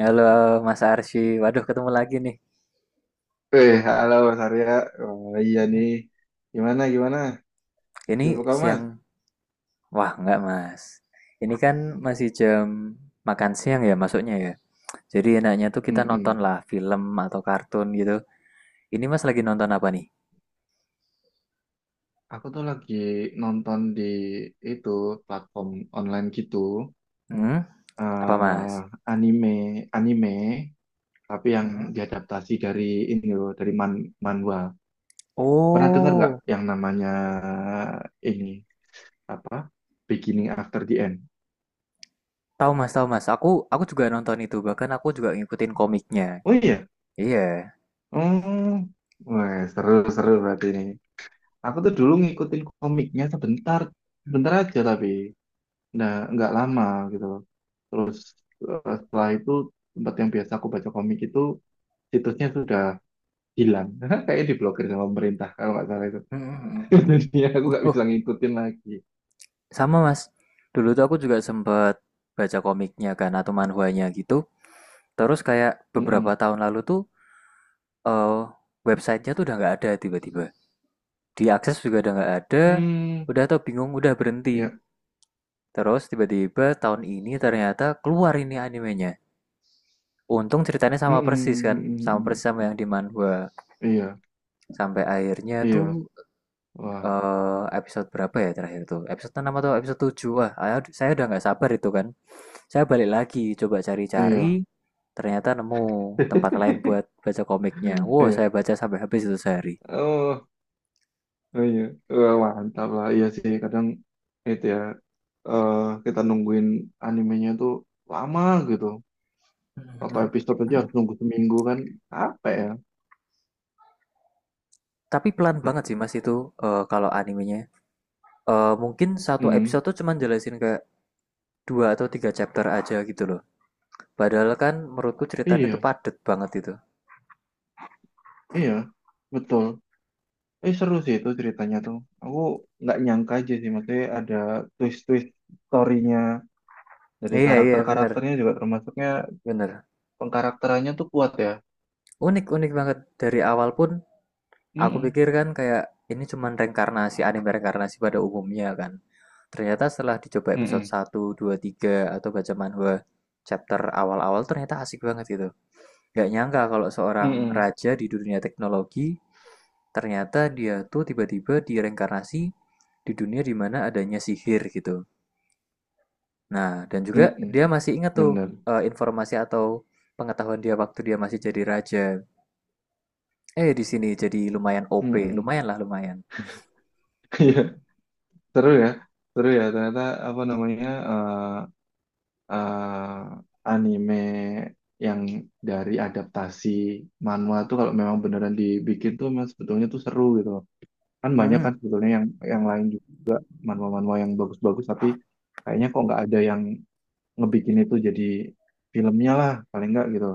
Halo Mas Arsy, waduh ketemu lagi nih. Eh, halo Mas Arya. Wah, iya nih. Gimana, gimana? Ini Sibuk kamu, Mas? siang, wah nggak Mas. Ini kan masih jam makan siang ya masuknya ya. Jadi enaknya tuh kita nonton Mm-mm. lah film atau kartun gitu. Ini Mas lagi nonton apa nih? Aku tuh lagi nonton di itu platform online gitu. Hmm? Apa Mas? eh anime, anime, tapi yang diadaptasi dari ini loh, dari manhwa. Pernah dengar nggak Oh, yang namanya ini apa? Beginning After the End. tahu Mas, tahu Mas. Aku juga nonton itu, bahkan aku juga ngikutin komiknya. Oh iya. Iya. Oh, wah, seru-seru berarti ini. Aku tuh dulu ngikutin komiknya sebentar aja tapi nah nggak lama gitu loh. Terus setelah itu tempat yang biasa aku baca komik itu situsnya sudah hilang. Kayaknya diblokir sama pemerintah kalau nggak salah itu. mm Jadi ya aku nggak bisa Oh, ngikutin lagi. sama Mas. Dulu tuh aku juga sempet baca komiknya kan atau manhwanya gitu. Terus kayak beberapa Mm-mm. tahun lalu tuh eh websitenya tuh udah nggak ada tiba-tiba. Diakses juga udah nggak ada. Hmm, Udah tau bingung udah berhenti. ya. Terus tiba-tiba tahun ini ternyata keluar ini animenya. Untung ceritanya sama Mm-mm, persis mm-mm, kan, sama mm-mm. persis sama yang di manhwa. Iya, Sampai akhirnya iya, tuh wah, episode berapa ya terakhir tuh? Episode 6 atau episode tujuh. Wah, saya udah nggak sabar itu kan. Saya balik lagi coba cari-cari, iya, ternyata nemu tempat lain buat baca komiknya. Wow, iya. saya baca sampai habis itu sehari. Oh. Oh iya. Wah, mantap lah. Iya sih, kadang itu ya, eh, kita nungguin animenya tuh lama gitu. Satu Mhm. episode aja harus nunggu seminggu kan. Apa ya? Tapi pelan banget sih Mas itu, kalau animenya. Mungkin satu Hmm, episode tuh cuman jelasin kayak 2 atau 3 chapter aja gitu loh. Padahal kan menurutku ceritanya tuh iya, padet banget itu. iya, betul. Eh, seru sih itu ceritanya tuh. Aku nggak nyangka aja sih, maksudnya ada twist-twist story-nya dari Iya iya, bener karakter-karakternya juga termasuknya bener. pengkarakterannya tuh kuat ya. Unik unik banget. Dari awal pun aku Mm-mm. pikir kan kayak ini cuman reinkarnasi, anime reinkarnasi pada umumnya kan. Ternyata setelah dicoba episode Mm-mm. satu 2 3 atau baca manhwa chapter awal-awal ternyata asik banget gitu. Nggak nyangka kalau seorang Mm-mm. raja di dunia teknologi, ternyata dia tuh tiba-tiba direinkarnasi di dunia dimana adanya sihir gitu. Nah, dan juga Mm-mm. dia masih ingat tuh, Bener. Informasi atau pengetahuan dia waktu dia masih jadi raja. Eh, di sini jadi lumayan OP, Mm-mm. lumayan lah lumayan. Seru ya, seru ya. Ternyata apa namanya anime yang dari adaptasi manhwa tuh kalau memang beneran dibikin tuh memang sebetulnya tuh seru gitu. Kan banyak kan Hmm, sebetulnya yang lain juga manhwa-manhwa yang bagus-bagus tapi kayaknya kok nggak ada yang ngebikin itu jadi filmnya lah paling nggak gitu.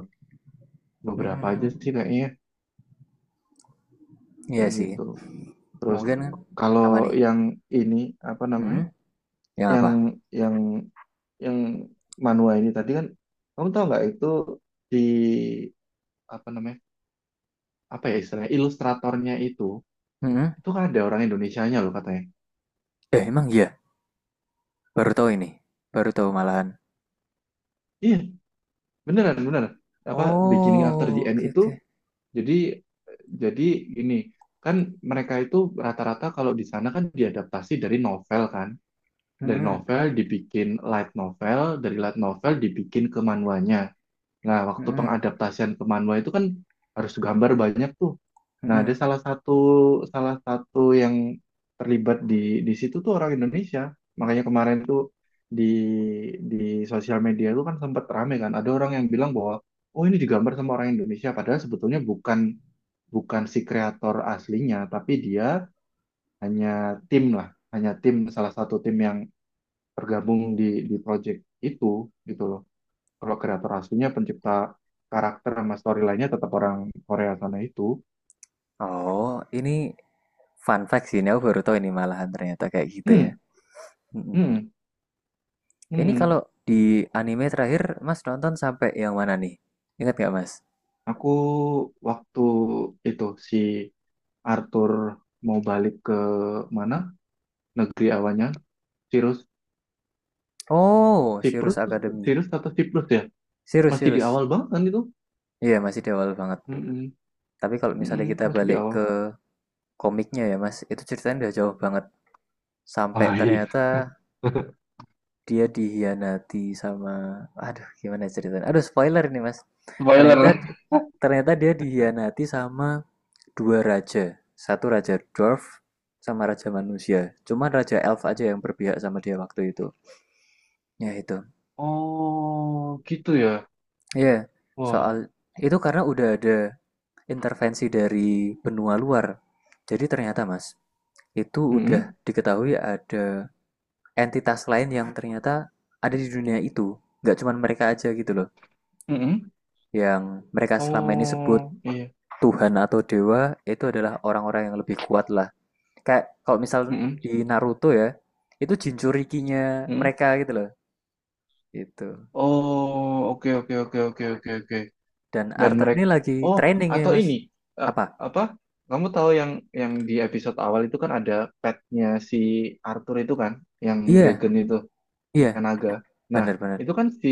hmm, Beberapa hmm, aja sih hmm. kayaknya Iya kayak sih. gitu. Terus Mungkin kalau apa nih? yang ini apa namanya? Hmm, yang Yang apa? yang yang manual ini tadi kan kamu tahu nggak itu di apa namanya apa ya istilahnya ilustratornya itu Hmm, itu kan ada orang Indonesianya loh katanya eh emang iya. Baru tahu ini, baru tahu malahan. iya beneran beneran apa Beginning After the Oh, End oke itu oke. jadi jadi gini kan mereka itu rata-rata kalau di sana kan diadaptasi dari novel kan dari Hmm, novel dibikin light novel dari light novel dibikin ke manhwanya. Nah, hmm, waktu hmm, pengadaptasian ke manual itu kan harus gambar banyak tuh. Nah, ada hmm. salah satu yang terlibat di situ tuh orang Indonesia. Makanya kemarin tuh di di sosial media tuh kan sempat rame kan. Ada orang yang bilang bahwa oh ini digambar sama orang Indonesia padahal sebetulnya bukan bukan si kreator aslinya, tapi dia hanya tim lah, hanya tim salah satu tim yang tergabung di project itu gitu loh. Kalau kreator aslinya pencipta karakter sama story lainnya tetap orang Korea sana itu. Oh, ini fun fact sih, ini aku baru tahu ini malahan ternyata kayak gitu ya. Hmm, Mm-mm. hmm, Ini hmm. kalau di anime terakhir, Mas nonton sampai yang mana nih? Ingat nggak, Mas? Aku waktu itu si Arthur mau balik ke mana? Negeri awalnya, Sirus, Oh, Sirius Siprus, Academy. Sirus atau Siprus ya? Sirius, Masih di Sirius. awal banget kan itu? Iya, masih di awal banget. Hmm, hmm, Tapi kalau misalnya hmm, kita masih di balik awal. ke komiknya ya, Mas, itu ceritanya udah jauh banget. Sampai Ah, iya. ternyata dia dihianati sama... Aduh, gimana ceritanya? Aduh, spoiler ini, Mas. Ternyata Spoiler. di- ternyata dia dihianati sama dua raja, satu raja dwarf sama raja manusia. Cuman raja elf aja yang berpihak sama dia waktu itu. Ya itu. Oh, gitu ya. Ya, yeah, soal Wah. itu karena udah ada intervensi dari benua luar. Jadi ternyata Mas, itu Hmm, hmm. udah diketahui ada entitas lain yang ternyata ada di dunia itu. Nggak cuma mereka aja gitu loh. Yang mereka selama ini sebut Oh, iya. Tuhan atau dewa itu adalah orang-orang yang lebih kuat lah. Kayak kalau misal Hmm. Di Naruto ya, itu Jinchurikinya mereka gitu loh. Itu. Oh, oke, oke, oke, oke, oke, oke. Dan Dan Arta ini mereka lagi Oh, training ini, atau Mas. ini eh, Apa? apa? Kamu tahu yang di episode awal itu kan ada petnya si Arthur itu kan, yang Iya, dragon itu, iya, yang naga. Nah, benar benar itu kan si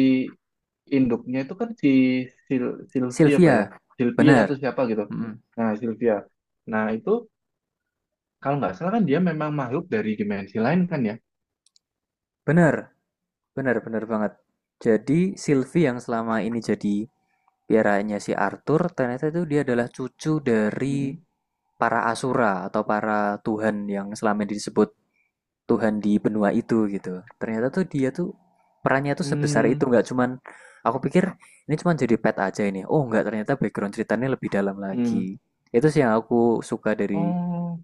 induknya itu kan si Sil Sylvia apa ya? Sylvia, Sylvia atau benar siapa gitu. Mm-mm. Nah, Sylvia. Nah, itu kalau nggak salah kan dia memang makhluk dari dimensi lain kan ya? Bener. Benar benar banget. Jadi Sylvie yang selama ini jadi piaranya si Arthur, ternyata itu dia adalah cucu dari Mm-mm. para asura atau para tuhan yang selama ini disebut Tuhan di benua itu gitu. Ternyata tuh dia tuh perannya tuh sebesar itu Hmm. nggak cuman aku pikir ini cuman jadi pet aja ini. Oh nggak ternyata background ceritanya lebih dalam Hmm. lagi. Itu sih yang aku suka dari Oh.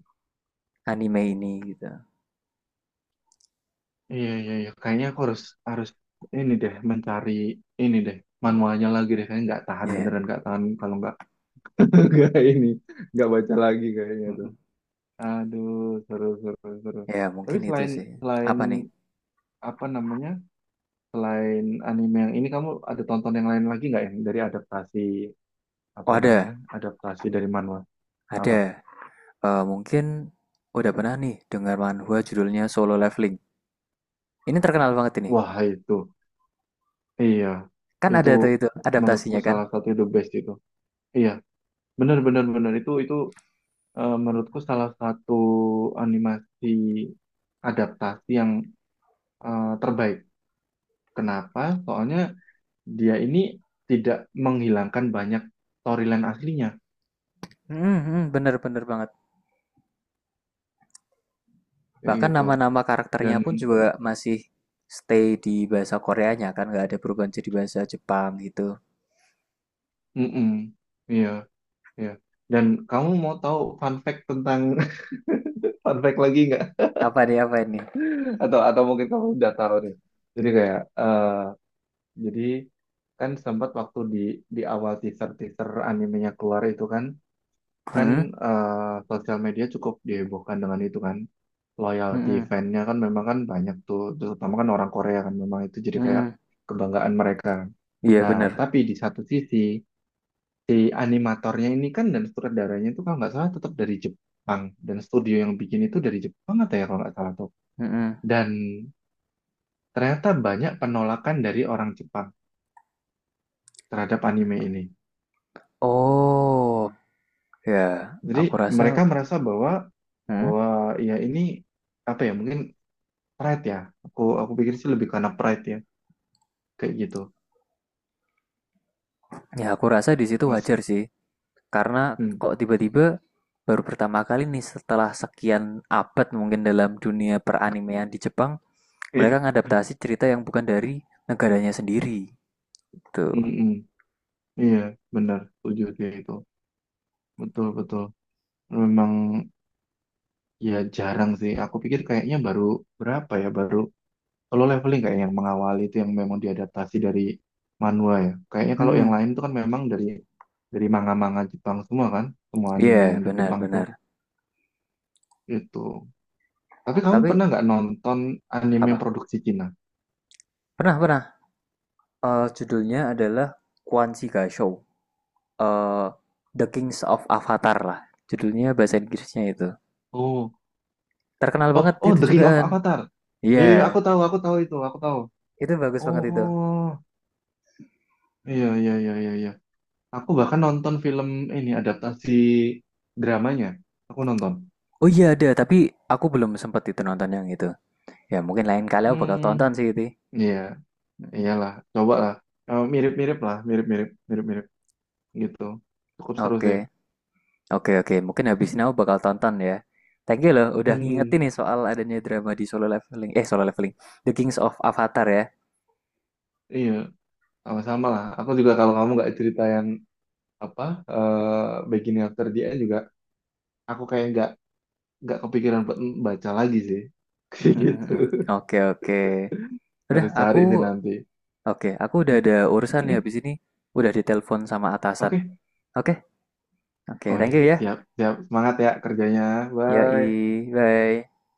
anime ini gitu. Iya, iya, iya. Kayaknya aku harus harus ini deh mencari ini deh manualnya lagi deh. Kayaknya nggak tahan Ya, beneran nggak tahan kalau nggak nggak ini nggak baca lagi kayaknya tuh. mm-mm. Aduh, seru seru seru. Ya yeah, Tapi mungkin itu selain sih. selain Apa nih? apa namanya selain anime yang ini kamu ada tonton yang lain lagi nggak yang dari adaptasi Oh apa ada, namanya adaptasi dari manual apa? ada. Eh, mungkin udah pernah nih dengar manhwa judulnya Solo Leveling. Ini terkenal banget ini. Wah itu iya Kan itu ada tuh itu menurutku adaptasinya kan? salah satu the best itu. Iya bener bener bener itu menurutku salah satu animasi adaptasi yang terbaik. Kenapa? Soalnya dia ini tidak menghilangkan banyak storyline aslinya, Hmm, bener-bener banget. kayak Bahkan gitu. nama-nama Dan, karakternya pun juga masih stay di bahasa Koreanya kan, nggak ada perubahan jadi bahasa Jepang gitu. mm-mm, iya, iya. Dan kamu mau tahu fun fact tentang fun fact lagi nggak? Apa nih apa ini? Atau mungkin kamu udah tahu nih. Jadi kayak, jadi kan sempat waktu di awal teaser teaser animenya keluar itu kan kan Hmm, eh, sosial media cukup dihebohkan dengan itu kan loyalty hmm, fan-nya kan memang kan banyak tuh terutama kan orang Korea kan memang itu jadi kayak hmm, kebanggaan mereka kan. iya Nah bener. tapi di satu sisi si animatornya ini kan dan sutradaranya itu kalau nggak salah tetap dari Jepang dan studio yang bikin itu dari Jepang atau ya kalau nggak salah tuh Hmm, dan ternyata banyak penolakan dari orang Jepang terhadap anime ini oh, ya jadi aku rasa, mereka merasa bahwa hmm, bahwa ya ini apa ya mungkin Pride ya. Aku pikir sih lebih karena pride ya, kayak gitu. ya aku rasa di situ wajar Masa. sih. Karena Hmm. kok tiba-tiba baru pertama kali nih setelah sekian abad mungkin dalam dunia peranimean di Jepang, mereka ngadaptasi cerita yang bukan dari negaranya sendiri. Tuh. Mm-mm. Iya, benar. Setuju sih itu. Betul, betul. Memang ya jarang sih. Aku pikir kayaknya baru berapa ya, baru kalau leveling kayak yang mengawali itu yang memang diadaptasi dari manhwa ya. Kayaknya kalau Hmm, yang lain itu kan memang dari manga-manga Jepang semua kan, semua iya anime yang yeah, di Jepang itu benar-benar. itu. Tapi kamu Tapi pernah nggak nonton anime yang apa? produksi Cina? Pernah pernah. Eh, judulnya adalah Kwanzi Gaisho. Eh, The Kings of Avatar lah. Judulnya bahasa Inggrisnya itu. Oh, Terkenal banget oh, oh, itu The King of jugaan. Avatar. Iya, Iya, iya, yeah. Aku tahu itu, aku tahu. Itu bagus banget itu. Oh, iya, iya, iya, iya, iya. Aku bahkan nonton film ini adaptasi dramanya. Aku nonton. Oh iya ada, tapi aku belum sempat itu nonton yang itu. Ya mungkin lain kali aku bakal tonton Hmm, sih itu. iya, Mm. iyalah, coba lah. Eh, mirip-mirip lah, mirip-mirip, mirip-mirip gitu. Cukup seru Oke, sih. oke, oke. Mungkin habis ini aku bakal tonton ya. Thank you loh, udah ngingetin Mm-mm. nih soal adanya drama di Solo Leveling. Eh, Solo Leveling. The Kings of Avatar ya. Iya, sama-sama lah. Aku juga kalau kamu nggak cerita yang apa Beginning After the End juga, aku kayak nggak kepikiran buat baca lagi sih. Kayak Mm, mm, gitu. mm. Oke, oke. Udah, Harus aku... cari sih nanti. Oke, aku udah Mm, ada urusan ya mm. habis ini. Udah ditelepon sama atasan. Oke. Oke, oke. Wah, Thank you ya. siap, siap. Semangat ya kerjanya. Bye. Yoi, bye.